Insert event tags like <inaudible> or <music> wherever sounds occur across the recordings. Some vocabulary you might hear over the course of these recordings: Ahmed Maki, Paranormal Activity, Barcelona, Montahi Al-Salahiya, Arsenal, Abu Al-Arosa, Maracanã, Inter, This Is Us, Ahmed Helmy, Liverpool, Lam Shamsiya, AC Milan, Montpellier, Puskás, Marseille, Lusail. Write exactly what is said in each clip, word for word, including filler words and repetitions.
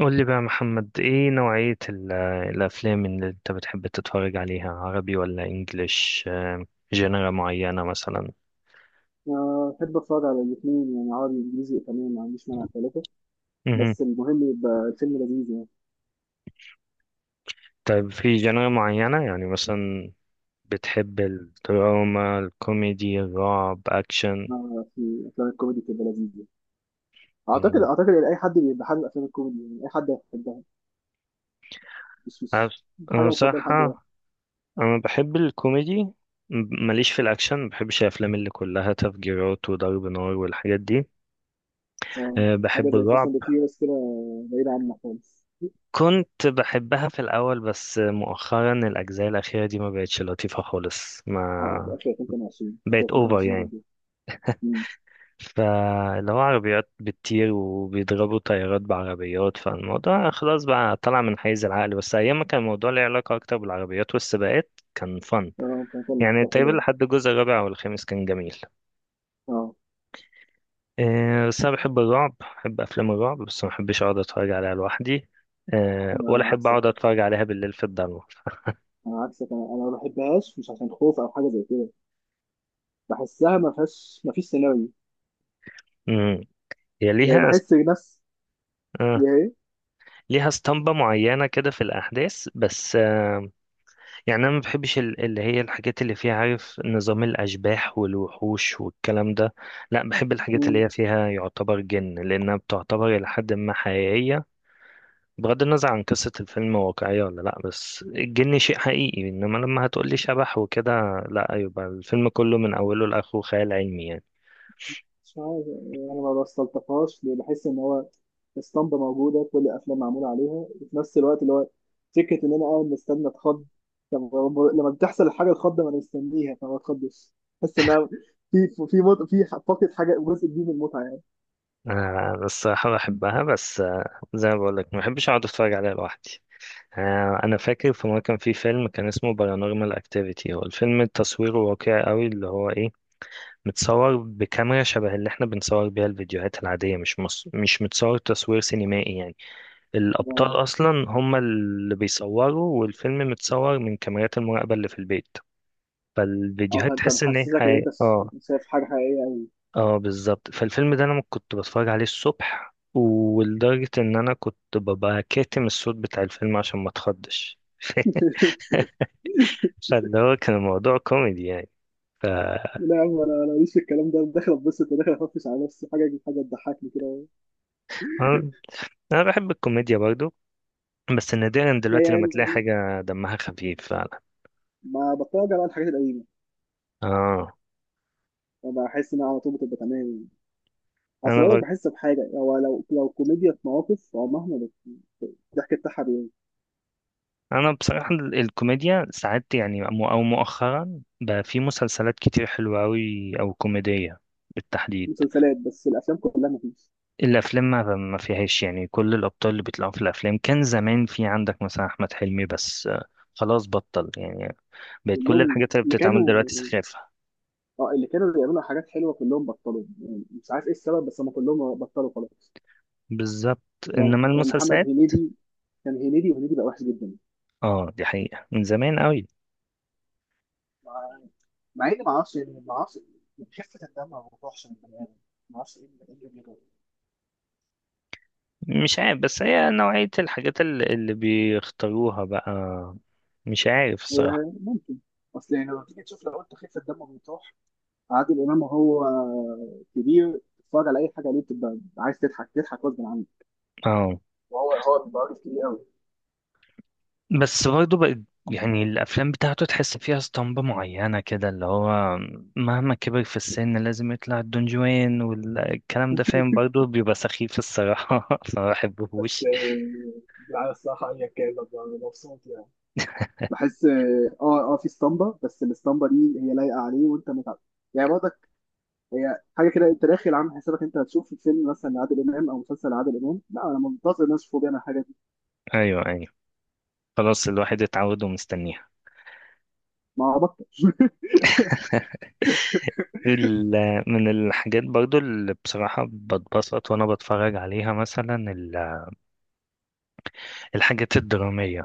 قول لي بقى يا محمد، ايه نوعية ال- الافلام اللي انت بتحب تتفرج عليها؟ عربي ولا انجليش؟ جنرا معينة مثلا؟ آه، أحب أتفرج على الاتنين، يعني عربي وإنجليزي وإيطالي، ما عنديش مانع ثلاثة. مهم. بس المهم يبقى الفيلم لذيذ يعني. طيب في جنرا معينة يعني مثلا؟ بتحب الدراما، الكوميدي، الرعب، اكشن؟ آه، في أفلام الكوميدي تبقى لذيذة يعني. أعتقد مم. أعتقد إن أي حد بيبقى حابب أفلام الكوميدي يعني أي حد هيحبها. مش أنا مش بص- مش أنا حاجة مفضلة لحد واحد. بصراحة انا بحب الكوميدي. م- ماليش في الاكشن، ما بحبش الافلام اللي كلها تفجيرات وضرب نار والحاجات دي. آه، أه، حاجة بحب زي فاست الرعب. أند فيوريوس كده بعيدة عنها خالص. كنت بحبها في الأول، بس مؤخرا الأجزاء الأخيرة دي ما بقتش لطيفة خالص، أه، آخر ما آخر ألفين واتنين، آخر بقت أوفر ألفين واتنين يعني. جدا. مم. فاللي هو عربيات بتطير وبيضربوا طيارات بعربيات، فالموضوع خلاص بقى طلع من حيز العقل، بس أيام ما كان الموضوع ليه علاقة أكتر بالعربيات والسباقات كان فن. أه، كان فيلم يعني كان حلو تقريبا يعني. لحد الجزء الرابع والخامس كان جميل. أه. آه، بس أنا بحب الرعب، بحب أفلام الرعب، بس ما بحبش أقعد أتفرج عليها لوحدي. آه، ولا أنا أحب عكسك أقعد أتفرج عليها بالليل في الضلمة. <laughs> أنا عكسك أنا أنا ما بحبهاش، مش عشان خوف أو حاجة زي كده، بحسها ما فيهاش ما فيش سيناريو. مم. هي يعني ليها. بحس نفس هي آه. هي ليها اسطمبة معينة كده في الأحداث، بس آه. يعني أنا ما بحبش ال- اللي هي الحاجات اللي فيها، عارف، نظام الأشباح والوحوش والكلام ده. لا، بحب الحاجات اللي مم. هي فيها يعتبر جن، لأنها بتعتبر إلى حد ما حقيقية. بغض النظر عن قصة الفيلم واقعية ولا لا، بس الجن شيء حقيقي، إنما لما هتقولي شبح وكده، لا، يبقى الفيلم كله من أوله لآخره خيال علمي يعني. مش عارف يعني، انا ما بستلطفهاش ليه، بحس ان هو اسطمبة موجودة كل الافلام معمولة عليها، وفي نفس الوقت اللي هو فكرة ان انا قاعد مستني اتخض. طب هو لما بتحصل الحاجة الخضة ما انا مستنيها فما بتخضش. بحس ان أنا في في مط... في ح- فاقد حاجة، جزء كبير من المتعة يعني. أنا الصراحة بحبها، بس آه، زي ما بقولك، ما بحبش أقعد أتفرج عليها لوحدي. آه، انا فاكر في مره كان في فيلم كان اسمه بارانورمال اكتيفيتي. هو الفيلم تصويره واقعي قوي، اللي هو ايه، متصور بكاميرا شبه اللي احنا بنصور بيها الفيديوهات العاديه، مش مص... مش متصور تصوير سينمائي يعني. اه. الابطال اصلا هم اللي بيصوروا، والفيلم متصور من كاميرات المراقبه اللي في البيت. آه، فالفيديوهات فانت تحس ان هي محسسك ان حي... انت اه. شايف حاجة حقيقية أوي. اه بالظبط. فالفيلم ده انا م- كنت بتفرج عليه الصبح، ولدرجه ان انا كنت ببقى كاتم الصوت بتاع الفيلم عشان ما اتخضش. <laughs> <laughs> فاللي هو كان الموضوع كوميدي يعني. ف لا يا عم، انا انا ماليش في الكلام ده، أنا داخل اتبسط وداخل افرفش على نفسي، حاجه حاجه تضحكني كده. انا أنا بحب الكوميديا برضو، بس نادرا لا دلوقتي لما تلاقي يعني، حاجة دمها خفيف فعلا. ما بتفرج على الحاجات القديمه، اه بحس انها على طول بتبقى تمام يعني. اصل انا بقولك ب... بحس بحاجه، هو لو لو كوميديا في مواقف، هو مهما بت- الضحك بتاعها بي- انا بصراحة ال- الكوميديا ساعات، يعني م- او مؤخرا بقى، في مسلسلات كتير حلوة قوي او كوميدية بالتحديد. مسلسلات، بس الافلام كلها مفيش. الافلام ما ما فيهاش، يعني كل الابطال اللي بيطلعوا في الافلام، كان زمان في عندك مثلا احمد حلمي، بس آه، خلاص بطل يعني. بقت كل كلهم الحاجات اللي اللي بتتعمل كانوا دلوقتي سخافة. اه اللي كانوا بيعملوا حاجات حلوه كلهم بطلوا، يعني مش عارف ايه السبب، بس هم كلهم بطلوا خلاص. بالظبط. يعني انما كان محمد المسلسلات، هنيدي كان هنيدي وهنيدي بقى وحش جدا. اه دي حقيقة من زمان قوي. مع مع اني ما اعرفش ما اعرفش خفه الدم ما بتروحش من البني ادم، ما اعرفش ايه اللي إيه اللي بيجرى. مش عارف، بس هي نوعية الحاجات ال- اللي بيختاروها بقى، مش عارف الصراحة. آه، ممكن. اصل يعني لما تيجي تشوف، لو قلت خفه الدم بتروح عادل امام، هو كبير، تتفرج على اي حاجه ليه بتبقى عايز تضحك، تضحك غصب عنك. اه، وهو هو بيبقى عارف كتير قوي. بس برضه بقت، يعني الأفلام بتاعته تحس فيها اسطمبة معينة كده، اللي هو مهما كبر في السن لازم يطلع الدون جوان والكلام ده، فاهم، برضه بيبقى سخيف الصراحة. <laughs> فما بس بحبهوش. آه، لا الصراحة، أيا كان ببقى مبسوط يعني. بحس اه اه في اسطمبه، بس الاسطمبه دي هي لايقه عليه، وانت متعب يعني برضك. هي حاجه كده، انت داخل عامل حسابك انت هتشوف فيلم مثلا لعادل امام او مسلسل لعادل امام، لا انا منتظر الناس تشوفوا بيعمل الحاجه دي. أيوه أيوه، خلاص الواحد اتعود ومستنيها. ما بطل. ال- من الحاجات برضو اللي بصراحة بتبسط وأنا بتفرج عليها مثلا ال- الحاجات الدرامية،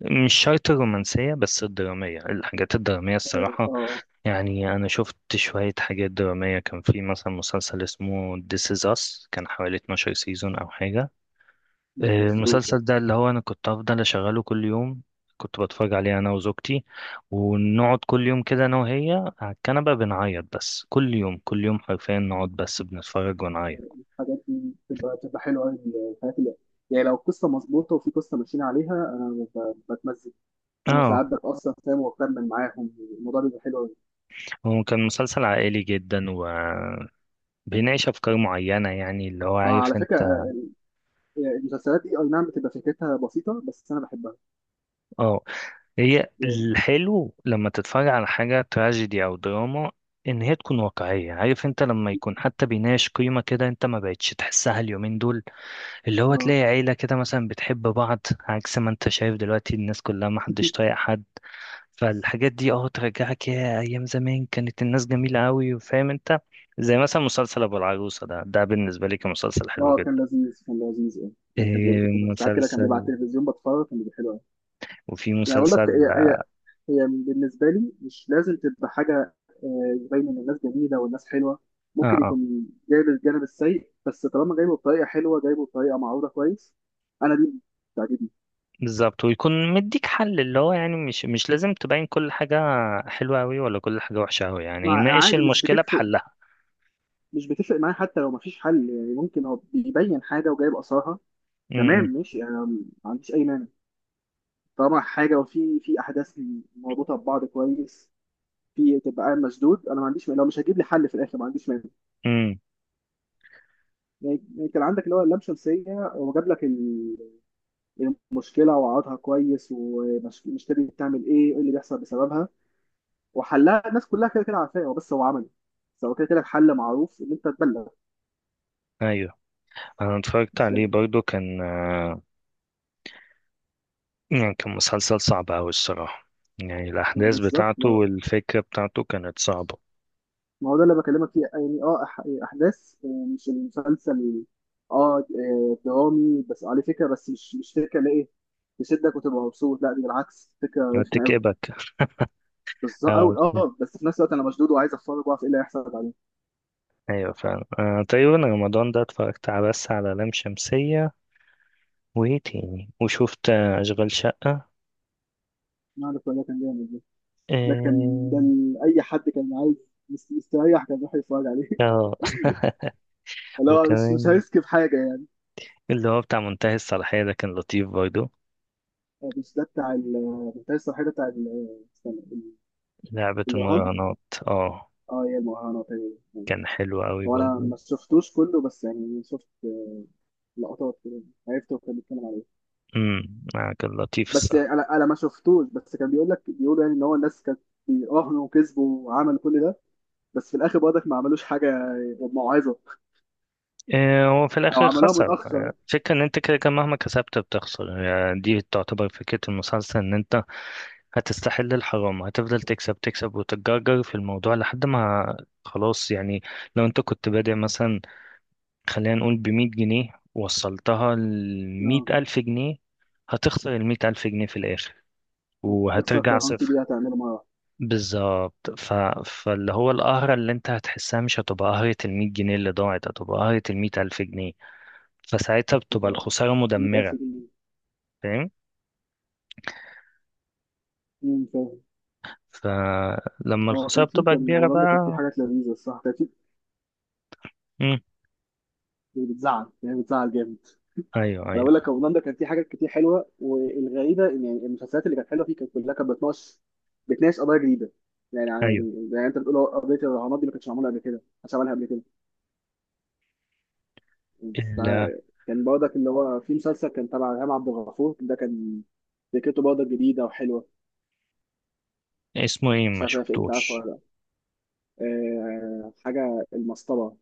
مش شرط الرومانسية بس الدرامية، الحاجات الدرامية <laughs> الصراحة. اه، يعني أنا شفت شوية حاجات درامية، كان في مثلا مسلسل اسمه This Is Us، كان حوالي اتناشر سيزون أو حاجة. لا ما آه، شفتوش. المسلسل ده اللي هو انا كنت افضل اشغله كل يوم، كنت بتفرج عليه انا وزوجتي، ونقعد كل يوم كده انا وهي على الكنبة بنعيط، بس كل يوم كل يوم حرفيا نقعد بس بنتفرج ونعيط. الحاجات دي بتبقى بتبقى حلوه قوي، الحاجات اللي، يعني لو القصه مظبوطه وفي قصه ماشيين عليها، انا ب- بتمزج، وساعات اه، بتاثر فاهم، وبكمل معاهم، الموضوع بيبقى حلو قوي. هو كان مسلسل عائلي جدا، وبيناقش افكار معينة، يعني اللي هو آه، عارف على فكره، انت. آه، المسلسلات دي اي نعم بتبقى فكرتها بسيطه، بس انا بحبها. اه، هي يعني الحلو لما تتفرج على حاجة تراجيدي او دراما ان هي تكون واقعية، عارف انت، لما يكون حتى بيناقش قيمة كده انت ما بقتش تحسها اليومين دول. اللي هو اه. تلاقي عيلة كده مثلا بتحب بعض، عكس ما انت شايف دلوقتي الناس كلها ما حدش <laughs> طايق حد. فالحاجات دي اه ترجعك يا ايام زمان، كانت الناس جميلة قوي وفاهم انت. زي مثلا مسلسل ابو العروسة ده، ده بالنسبة لي كان مسلسل حلو اه، كان جدا. لذيذ، كان لذيذ يعني يعني كان لذيذ، إيه كنت ساعات كده كان بيبقى مسلسل، على التلفزيون بتفرج، كان بيبقى حلو قوي. وفي يعني بقول لك، مسلسل، هي هي هي بالنسبة لي مش لازم تبقى حاجة، آه، يبين إن الناس جميلة والناس حلوة. اه ممكن اه يكون جايب الجانب السيء، بس طالما جايبه بطريقة حلوة، جايبه بطريقة معروضة كويس، أنا دي بتعجبني. بالظبط، ويكون مديك حل، اللي هو يعني مش مش لازم تبين كل حاجة حلوة قوي ولا كل حاجة وحشة قوي، يعني مع ناقش عادي، مش المشكلة بتفرق بحلها. مش بتفرق معايا، حتى لو مفيش حل. يعني ممكن هو بيبين حاجة وجايب آثارها، تمام امم. ماشي، أنا ما عنديش أي مانع، طالما حاجة وفي في أحداث مربوطة ببعض كويس، في تبقى قاعد مشدود، أنا ما عنديش مانع. لو مش هتجيب لي حل في الآخر، ما عنديش مانع. امم. يعني يعني كان عندك اللي هو اللام شمسية، هو جاب لك المشكله واقعدها كويس، والمشكله دي بتعمل ايه، وايه اللي بيحصل بسببها، وحلها، الناس كلها كده كده عارفاه، هو بس هو عمل، بس هو كده كده الحل معروف ان انت تبلغ، ايوه، انا اتفرجت بس عليه يعني. برضو، كان آه، يعني كان مسلسل صعب أوي الصراحة، يعني الأحداث بالظبط، بتاعته ما والفكرة بتاعته كانت صعبة. ما هو ده اللي بكلمك فيه يعني. اه، أح- احداث، آه، مش المسلسل، اه، آه، درامي بس عليه فكره، بس مش مش فكره اللي ايه تشدك وتبقى مبسوط، لا دي بالعكس، فكره رخمه قوي. هتكئبك. بالظبط أه أوي، اه، بس في نفس الوقت انا مشدود وعايز اتفرج واعرف ايه اللي هيحصل بعدين. أيوة فعلا. أه تقريبا رمضان ده اتفرجت على بس على لام شمسية، وإيه تاني، وشوفت آه، أشغال شقة. ما عارف، والله كان جامد. ده كان ده اه ال- اي حد كان عايز مست- مستريح، كان راح يتفرج عليه. <laughs> آه. <laughs> اللي هو مش مش وكمان هيسكب حاجه يعني. اللي هو بتاع منتهي الصلاحية ده كان لطيف برضه. آه، مش ده بتاع ال- بتاع الصحيح، ده بتاع ال- استنى، ال- لعبة الرهان. المراهنات. اه اه، هي المهرجانات هي. كان حلو أوي هو انا برضه. ما شفتوش كله، بس يعني شفت لقطات كده، عرفت هو كان بيتكلم عليه. امم. آه، كان لطيف. بس يعني انا انا ما شفتوش، بس كان بيقول لك بيقولوا يعني ان هو الناس كانت بيراهنوا وكسبوا وعملوا كل ده، بس في الاخر برضك ما عملوش حاجه، موعظه آه، وفي او الآخر عملوها خسر متاخر. آه، فكرة إن أنت كده كده مهما كسبت بتخسر، يعني دي تعتبر فكرة المسلسل، إن أنت هتستحل الحرام، هتفضل تكسب تكسب وتتجرجر في الموضوع لحد ما خلاص يعني. لو أنت كنت بادئ مثلا، خلينا نقول بمية جنيه، وصلتها لمية اه، ألف جنيه، هتخسر المية ألف جنيه في الآخر تخسر وهترجع فرهان صفر. دي هتعمله مره واحدة. بالظبط. ف... فاللي هو القهرة اللي أنت هتحسها مش هتبقى قهرة المية جنيه اللي ضاعت، هتبقى قهرة المية ألف جنيه، فساعتها بتبقى كده الخسارة 100000 مدمرة. جنيه فاهم. امم فاهم. فلما هو الخسارة كان في بتبقى كان كبيرة هولندا كان في بقى. حاجات لذيذه، الصراحه كانت مم. في، بتزعل يعني، بتزعل جامد. أيوه انا بقول أيوه لك، هولندا كان في حاجات كتير حلوه، والغريبه ان يعني المسلسلات اللي كانت حلوه فيه كانت كلها كانت بتناقش بتناقش قضايا جديده. يعني أيوه. يعني زي انت بتقول، هو قضيه الرهانات دي ما كانتش معموله قبل كده، مش عملها قبل كده. إلا. فكان برضك اللي هو في مسلسل كان تبع إلهام عبد الغفور، ده كان فكرته برضك جديده وحلوه. اسمه إيه؟ مش ما عارف إيه، انت عارفه شفتوش. ولا لا. آه، حاجه المسطره.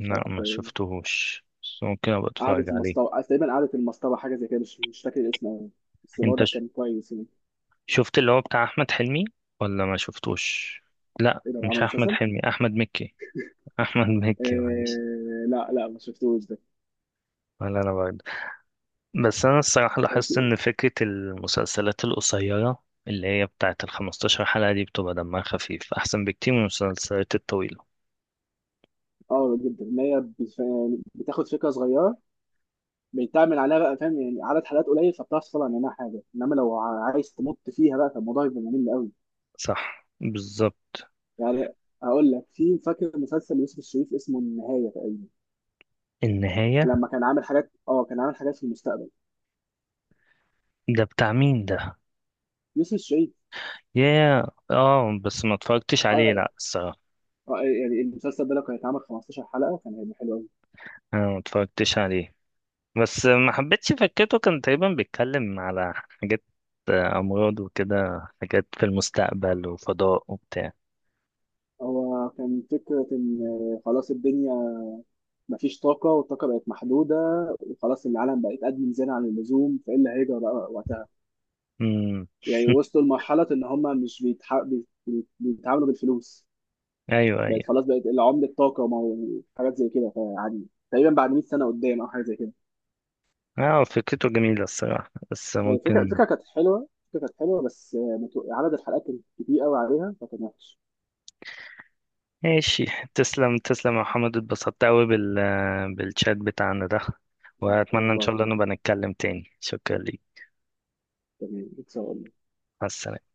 مش عارف، لا ما شفتهوش، بس ممكن أبقى قعدة أتفرج عليه. المصطبة، آه، تقريبا قعدة المصطبة، حاجة زي كده، مش مش فاكر الاسم أوي، بس أنت برضه ش- كان كويس يعني. شفت اللي هو بتاع أحمد حلمي ولا ما شفتوش؟ لا، ايه ده مش عمل أحمد مسلسل؟ حلمي، أحمد مكي. <laughs> أحمد آه، مكي، معلش. لا لا، ما شفتوش ده. ولا أنا. بس أنا الصراحة كان لاحظت في إن فكرة المسلسلات القصيرة اللي هي بتاعة الخمستاشر حلقة دي بتبقى دمها خفيف أحسن بكتير من المسلسلات الطويلة. اه جدا ان هي بت- بتاخد فكرة صغيرة، بيتعمل عليها بقى فاهم، يعني عدد حلقات قليل فبتعرف تطلع منها حاجة، انما لو ع- عايز تمط فيها بقى، فالموضوع يبقى ممل قوي. صح بالظبط. يعني هقول لك، في فاكر مسلسل يوسف الشريف اسمه النهاية تقريبا، النهاية. لما كان عامل حاجات اه كان عامل حاجات في المستقبل. ده بتاع مين ده؟ يوسف الشريف. يا، اه بس ما اتفرجتش عليه لا اه، الصراحة. آه، يعني المسلسل ده لو كان اتعمل خمستاشر حلقة كان هيبقى حلو قوي. أنا ما اتفرجتش عليه، بس ما حبيتش فكرته. كان تقريبا بيتكلم على حاجات آه، أمراض وكده، حاجات في المستقبل وفضاء وبتاع. هو كان فكرة إن خلاص الدنيا مفيش طاقة، والطاقة بقت محدودة، وخلاص العالم بقت أدمن زيادة عن اللزوم، فإيه اللي هيجرى بقى وقتها؟ امم. يعني وصلوا لمرحلة إن هما مش بيتح... بي- بي- بيتعاملوا بالفلوس، <laughs> ايوه بقت أيوة. خلاص بقت عملة طاقة وحاجات زي كده فعادي، تقريبا بعد مية سنة قدام أو حاجة زي كده. اه فكرته جميلة الصراحة، بس الفكرة ممكن. الفكرة كانت حلوة، الفكرة كانت حلوة، بس متو- عدد الحلقات كان كتير قوي عليها فكان وحش. ماشي. تسلم تسلم يا محمد، اتبسطت أوي بال بالشات بتاعنا ده، وأتمنى إن والله شاء الله نبقى نتكلم تاني. شكرا ليك. تمام، إن شاء الله. مع السلامة.